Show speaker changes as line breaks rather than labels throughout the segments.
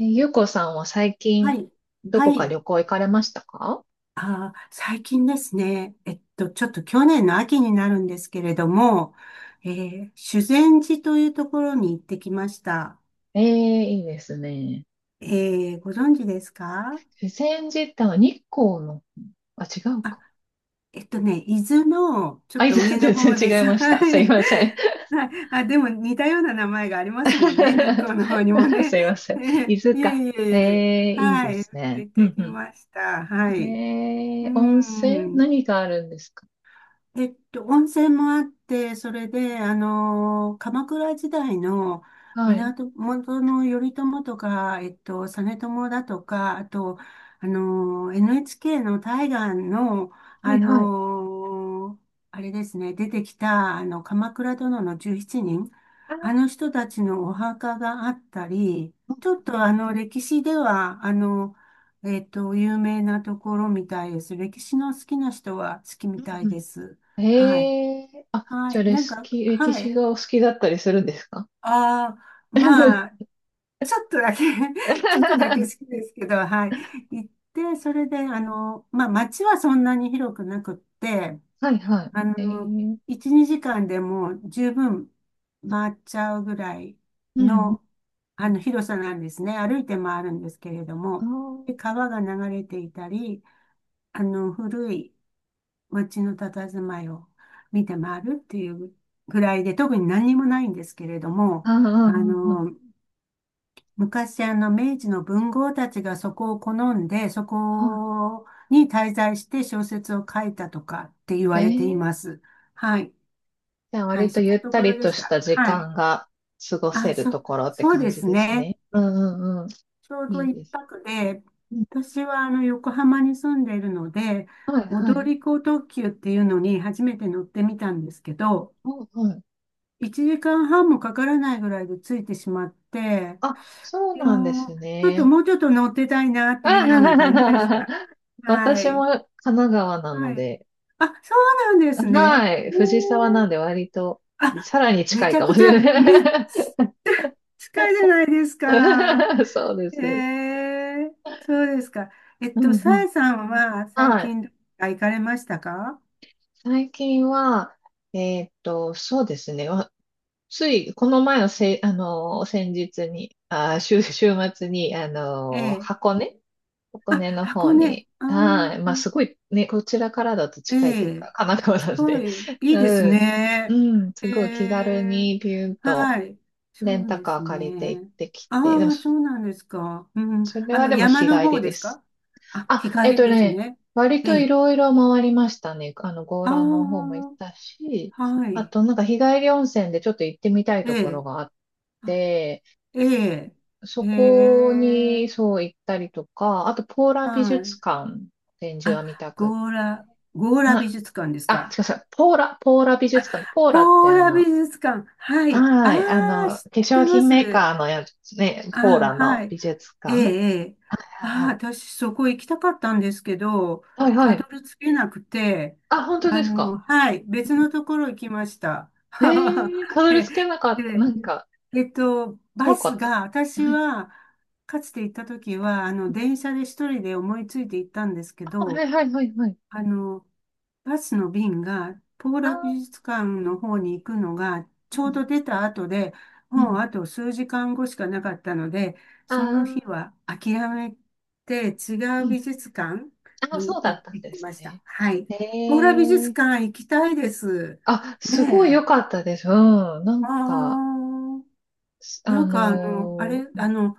ゆうこさんは最
は
近、
い。
ど
は
こか
い。
旅行行かれましたか？
最近ですね。ちょっと去年の秋になるんですけれども、修善寺というところに行ってきました。
ええ、いいですね。
ご存知ですか？
自然自体は日光の、あ、違うか。
伊豆のちょ
あ、
っ
い
と
ず
上の
全
方で
然違
す。
い まし
は
た。すい
い。
ません。
はい。あ、でも似たような名前がありますもんね。日光の方にも ね。
すいませ ん。伊豆
いえ
か。
いえい
え
え。
え、いいですね。
行っ
うん
てき
う
ました。は
ん。
い。う
え
ー
え、温泉
ん。
何があるんですか？
温泉もあって、それで、あの鎌倉時代の
はい。
源の頼朝とか、実朝だとか、あと、NHK の大河の、
は
あ
いはい。
のあれですね、出てきた、鎌倉殿の17人、
あ
あの
ー、
人たちのお墓があったり、
う
ちょっと
ん
歴史では、有名なところみたいです。歴史の好きな人は好き
う
み
ん
た
う
い
ん
で
う
す。
ん、
はい。
ええ、あ、
は
じゃあ、
い。
レ
なん
ス
か、
キ、歴
は
史
い。
がお好きだったりするんですか？
ああ、まあ、ちょっとだけ ちょっとだけ好きですけど、はい。行って、それで、まあ、街はそんなに広くなくって、
はいは
あ
い。
の、1、2時間でもう十分回っちゃうぐらい
うん。
の、広さなんですね。歩いて回るんですけれど
あ
も、
ー
で、川が流れていたり、古い街の佇まいを見て回るっていうぐらいで、特に何にもないんですけれども、
あー、
あ
あん、
の、昔明治の文豪たちがそこを好んで、そ
は
こに滞在して小説を書いたとかって言
い。
われています。はい。
じゃあ
はい、
割と
そん
ゆ
な
っ
と
た
ころ
り
で
と
し
し
た。
た時
はい。
間が過ご
あ、
せるところって
そう
感
で
じ
す
です
ね。
ね。うんうんうん。
ちょうど
いい
一
です。
泊で、
うん、
私は横浜に住んでいるので、
はいは
踊
い。
り子特急っていうのに初めて乗ってみたんですけど、
お、はい。
1時間半もかからないぐらいで着いてしまって、
あ、そう
いやー、
なんです
ちょっと
ね。
もうちょっと乗ってたいなって
あ
いうよ
は
うな
は
感じでし
は
た。
は、
は
私も
い。
神奈川な
は
の
い。
で、
あ、そうなんですね。
はい、藤沢なんで割と
あ、
さらに
め
近
ち
い
ゃ
かも
く
し
ちゃ、
れない。
近いじゃないですか。
そうです。
えそうですか。
うんう
さ
ん。
えさんは最
はい。
近どこか行かれましたか？
最近は、そうですね。つい、この前のせ、先日に、週末に、
ええ、
箱根、箱
あ、
根の
箱
方
根。
に、
ああ、
はい、まあ、
いい、
すごい、ね、こちらからだと
え
近いという
え、
か、神奈川なん
近
で、
い、いいです
うん、
ね。
うん、すごい気
へ
軽
え、
にビューンと
はい、そ
レン
う
タ
で
カ
す
ー借りて行っ
ね。
てき
あ
て、でも
あ、そ
そ、
うなんですか。うん、
それはでも
山
日
の
帰り
方で
で
す
す。
か？あ、日
あ、えっ
帰り
と
です
ね、
ね。
割
え
とい
え、
ろいろ回りましたね。あの、強
あ
羅の方も行ったし、
あ、は
あ
い、
となんか日帰り温泉でちょっと行ってみたい
え
ところ
え、
があっ
あ、
て、
ええ、
そ
え
こに
え、
そう行ったりとか、あとポーラ美
はい。
術館、展示
あ、
は見たく、
ゴーラ、ゴーラ美
は、
術館です
あ、
か？
違う違う、ポーラ、ポーラ美
あ、
術館、ポー
ポ
ラって
ー
あ
ラ美
の、
術館。はい。
はい、あの、
ああ、
化
知っ
粧
てま
品メー
す。
カーのやつね、
あ
ポーラ
あ、は
の
い。
美術
ええ、
館。は
ええ。あ
い
あ、
はい。
私そこ行きたかったんですけど、
はいは
た
い。
どり着けなくて、
あ、本当ですか。
はい、別のところ行きました。
ええ、たどり
え
着けなかった。な
で、
んか、
バ
遠か
ス
った。
が、私
はい、
は、かつて行った時は、電車で一人で思いついて行ったんですけ
あ、は
ど、
いはいはいはい。
あの、バスの便が、ポー
あ
ラ
あ、
美術館の方に行くのが、
う
ちょう
ん。
ど出た後で、
う
もう
ん、
あと数時間後しかなかったので、
あ
その日
あ、
は諦めて違
う
う
ん。
美術館
ああ、そ
に
うだ
行
っ
っ
たん
て
で
き
す
ました。
ね。
はい。
え
ポーラ美術
え、
館行きたいです。
あ、すごい良
ね
か
え。
ったです。うん。な
あ
んか、
あ、
す
な
あ
んかあ
の
れ、
ー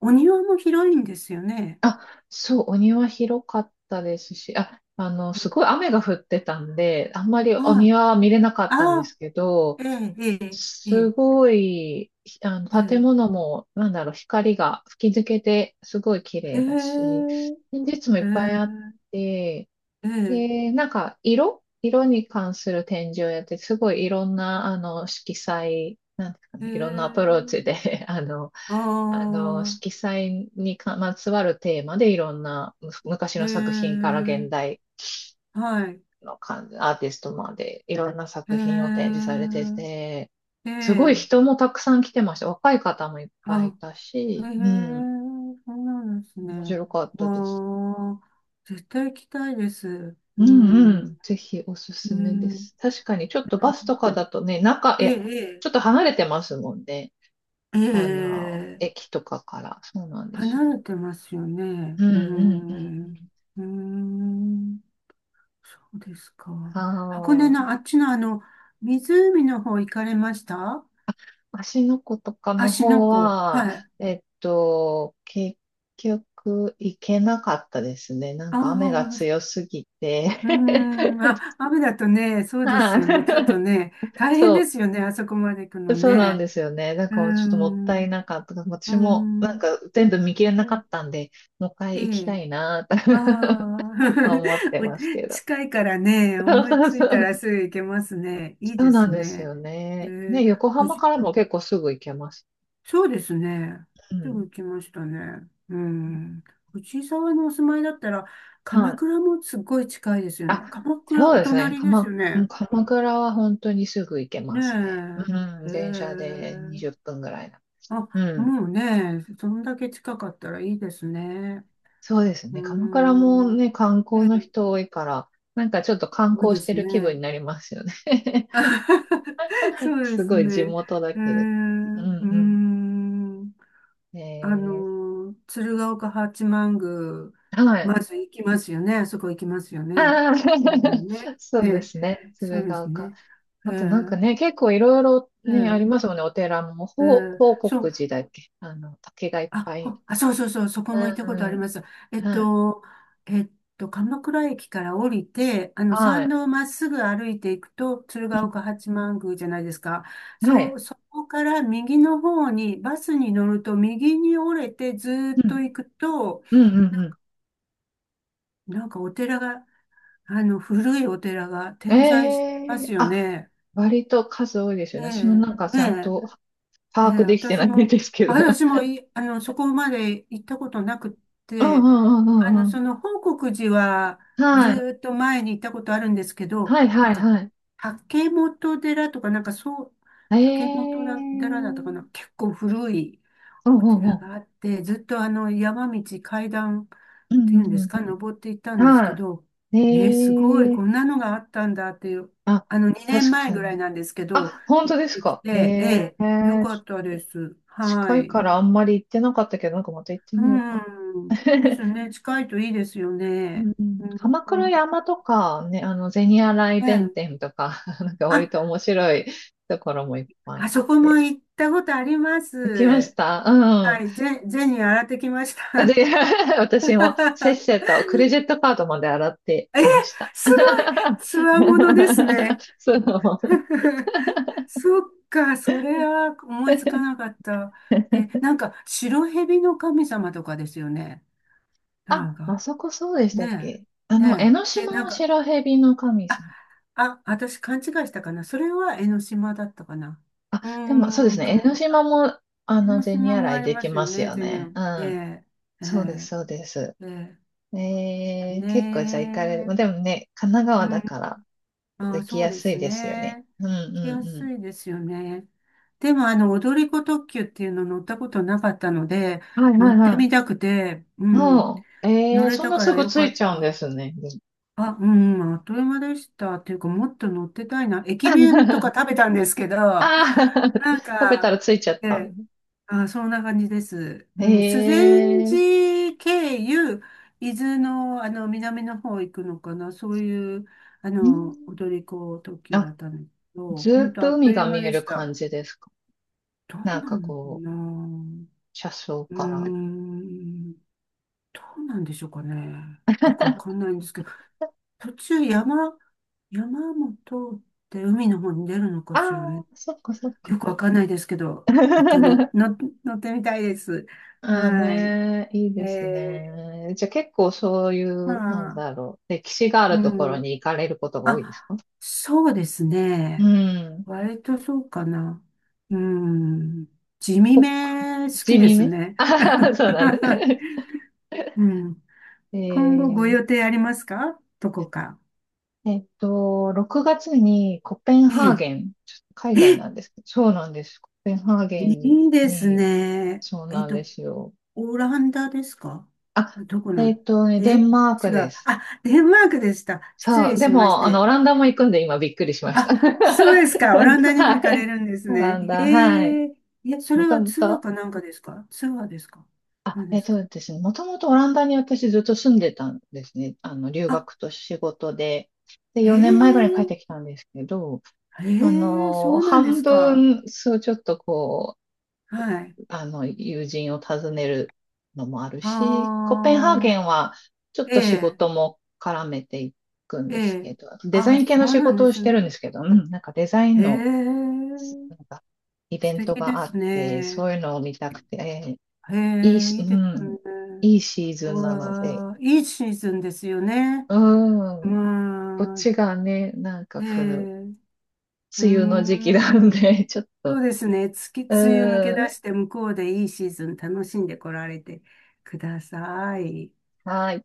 お庭も広いんですよね。
あ、そう、お庭広かったですし、あ、あの、すごい雨が降ってたんで、あんまり
あ
お庭は見れなかったんで
あ、ああ、
すけど、
ええ、ええ、え
す
え。
ごい、あの、建
ええ、
物も、なんだろう、光が吹き抜けて、すごい綺
へ
麗だし、
え、
展示室もい
へ
っぱいあっ
え、
て、
ええ、
で、なんか、色に関する展示をやって、すごいいろんな、あの、色彩、なんですか
へ
ね、いろんなアプロー
え、
チで、あの、
あ
あの、色
あ、
彩にまつわるテーマで、いろんな、昔
へ
の作品から
え、
現代
はい、
の感じ、アーティストまでいろんな作品を展示
へ
されてて、
え、え
すごい
え、
人もたくさん来てました。若い方もいっぱいい
あ、
た
へ
し、う
え、
ん、
そうなんです
面
ね。
白かったです。
わあ、絶対行きたいです。
う
う
んう
ん、
ん、ぜひおすす
う
めで
ん、
す。確かにちょっとバスとかだとね、
え
ち
え、
ょっと離れてますもんね。
ええ、
あの、
ええ、
駅とかから。そうなんですよ。
離れてますよね。
うんう
う
んうんう
ん、
ん。
うん。そうですか。箱根
はー
の
い。
あっちの湖の方行かれました？
芦ノ湖とかの
芦ノ
方
湖。
は、
はい。
結局行けなかったですね。なん
あ
か雨が
あ、
強すぎて
うーん。あ、雨だとね、そうです
はい。
よね。ちょっとね、大変で
そ
すよね。あそこまで行くの
そうなん
ね。
ですよね。なん
うー
からちょっともっ
ん。
たいなかった。
うー
私もな
ん。
んか全部見切れ
う
なかっ
ん、
たんで、もう一
え
回行きた
え。
いなぁ
ああ。
と 思ってますけ ど。
近いからね、
そう
思い
そう
つ
そ
いたら
う。
すぐ行けますね。
そ
いい
う
で
なん
す
です
ね。
よ
え
ね。ね、
え、
横浜からも結構すぐ行けます。
そうですね。
う
すぐ
ん。
行きましたね。うん。藤井沢のお住まいだったら、
は
鎌
い。
倉もすっごい近いですよ
あ、
ね。鎌倉、
そう
お
ですね。
隣ですよ
もう
ね。
鎌倉は本当にすぐ行けますね。
ね
うん、
え。へ
電車で20
え。
分ぐらいな。
あ、
うん、
もうね、そんだけ近かったらいいですね。
そうです
うー
ね。鎌倉も
ん。
ね、観光の人多いから、なんかちょっと観
多い
光
で
して
す
る気分に
ね。
なりますよね。
そうで
す
す
ごい地
ね。
元だ
うー
けれど。うん
ん。う
う
ーん。
ん。え
鶴岡八幡宮、
ー、はい。
ま ず行きますよね。そこ行きますよね。
ああ、
うんね。
そ
え
うで
え、
すね。
そう
鶴
です
岡。
ね。え
あとなんか
え、
ね、結構いろいろ
え
ね、ありま
え、
すもんね。お寺も、
ええ、
報
そう、
国寺だっけ、あの、竹がいっ
あ、
ぱい、
ほあ、そうそうそう、そこも行ったことあり
う
ます。え
ん、
っ
はい、
と、えっ鎌倉駅から降りて、
は
参
い、
道をまっすぐ歩いていくと、鶴岡八幡宮じゃないですか。
うん、は
そ
い、
う、そこから右の方に、バスに乗ると右に折れてずー
う
っと
ん、
行くと、
うん、うん。うん、
なんかお寺が、古いお寺が
え
点在してま
え、
すよ
あ、
ね。
割と数多いです
え
よね。
え、
私もなんかちゃん
ね
と
え、ええ、
把握できてな
私
いん
も、
ですけど。
私も い、そこまで行ったことなくっ
うんう
て、
んうんうんうん。
報国寺はず
はい。
ーっと前に行ったことあるんですけど、
はい
な
は
ん
い
か、
はい。
竹本寺とか、なんかそう、竹本
ええ、
寺だったかな、結構古いお寺があって、ずっと山道、階段、
うん
て
う
いう
ん
ん
うん
で
うんう
す
ん
か、
うん
登っていったん
うん。
ですけ
は
ど、
い。
すごい、
え
こ
え、
んなのがあったんだっていう、
あ、
2
確
年前
か
ぐらい
に。
なんですけど、
あ、本
行
当
っ
です
てき
か。え
て、え
え、
え、よかったです。は
近い
い。
からあんまり行ってなかったけど、なんかまた行ってみようかな。
うん。です ね、近いといいですよ
う
ね。
ん、鎌
う
倉
ん。
山とか、ね、あの、銭洗
え
弁
え。
天とか、なんか割と
あ、
面白いところもいっぱいあ
あ
っ
そこも
て。
行ったことありま
行きまし
す。
た、うん。
はい、ゼニー洗ってきました。
で、私もせっ せとクレジットカードまで洗って
え、
きました。
すごい、つわものですね。
そう。
そっか、それは思いつかな かった。え、なんか、白蛇の神様とかですよね。なん
あ、あ
か、
そこそうでしたっ
ね
け、あ
え、
の、江
ね
ノ
え。で、
島
なん
は
か、
白蛇の神
あ、
様。
あ、私勘違いしたかな。それは江ノ島だったかな。
あ、
うー
でもそうです
ん、
ね。江
鎌
ノ
倉、
島も、あ
江
の、
ノ
銭
島も
洗
あ
い
り
で
ま
き
すよ
ます
ね、
よ
全
ね。う
然。え
ん。
え、え
そうです、
え、
そうです。
ええ、
ええ、
ね
結構じゃあ行かれる。まあ
え。
でもね、神奈
う
川
ん、
だから
ああ、
行き
そう
や
で
す
す
いですよね。
ね。
うんう
来や
ん
す
う
いですよね。でも、踊り子特急っていうの乗ったことなかったので、
ん。はい
乗
はい
って
は
みたくて、う
い。
ん、
お、う、え
乗
え、
れ
そん
た
な
か
す
ら
ぐ
よ
つ
か
い
っ
ちゃうんで
た。
すね。
あ、うん、あっという間でした。っていうか、もっと乗ってたいな。駅弁とか
あ
食べたんですけど、な
あ、
ん
食べた
か、
らついちゃっ
え
た。
え、あ、そんな感じです。うん、修善
ええ、
寺経由、伊豆の、南の方行くのかな、そういう
うん。
踊り子特急だ
あ、
ったんですけど、
ずー
本
っ
当あ
と
っと
海
いう
が
間
見え
で
る
し
感
た。
じですか。
ど
なん
うな
か
のか
こう、
な。
車窓
うー
から。
ん、どうなんでしょうかね。よくわかんないんですけど、途中山も通って海の方に出るのか
ああ、
しらね。
そっかそっか。
よくわかんないですけど、一回の、の乗ってみたいです。
ああ
はい。
ね、いい
え
です
え、
ね。じゃあ結構そうい
ま
う、なん
あ、
だろう、歴史があ
う
るところ
ん。
に行かれることが多いです
あ、
か？
そうです
う
ね。
ん。
割とそうかな。うん。地味
こ、
め好
地
きで
味
す
め、
ね。
ああ、そうだね。
うん。
え
今後ご
ー
予定ありますか？どこか。
6月にコペンハー
え
ゲン、ちょっと海
え。
外
え、
なんですけど、そうなんです。コペンハーゲン
いいです
に、
ね。
そうなんですよ。
オランダですか？
あ、
どこなん、
デ
え、
ンマー
違
クで
う。
す。
あ、デンマークでした。失
そ
礼
う、で
しまし
も、あの、オ
て。
ランダも行くんで今びっくりしました。
あ、そうですか。オランダにも行
は
かれ
い。
るんです
オラン
ね。
ダ、はい。
へえ。いや、そ
も
れ
と
は
も
ツアー
と、
かなんかですか？ツアーですか？何で
えっ
すか？
とですね、もともとオランダに私ずっと住んでたんですね。あの、留
あ、
学と仕事で。で、
へ
4年前ぐらいに帰っ
え。
てきたんですけど、
へ
あ
え、そ
の、
うなんで
半
すか。
分、そう、ちょっとこ
はい。
あの、友人を訪ねるのもあるし、コペンハー
あ
ゲ
あ、
ンはちょっ
え
と仕
え、
事も絡めていくん
え
ですけ
え。
ど、デザ
あ、
イン系
そ
の
う
仕
なん
事
で
を
す
してる
ね。
んですけど、うん、なんかデザイン
へ
の、
え、
なんかイベ
素
ント
敵で
があ
す
って、そ
ね。
ういうのを見たくて、
へ
いい
え、
し、
い
う
いです
ん、
ね。
いいシーズ
う
ンなので、
わあ、いいシーズンですよね。
うん、こっ
まあ、
ちがね、なんか
ええ、
こう、
うー
梅雨の時期なん
ん。
で、ちょっ
そ
と、
うですね。梅雨抜け
う
出
ん、
して向こうでいいシーズン楽しんでこられてください。
はい。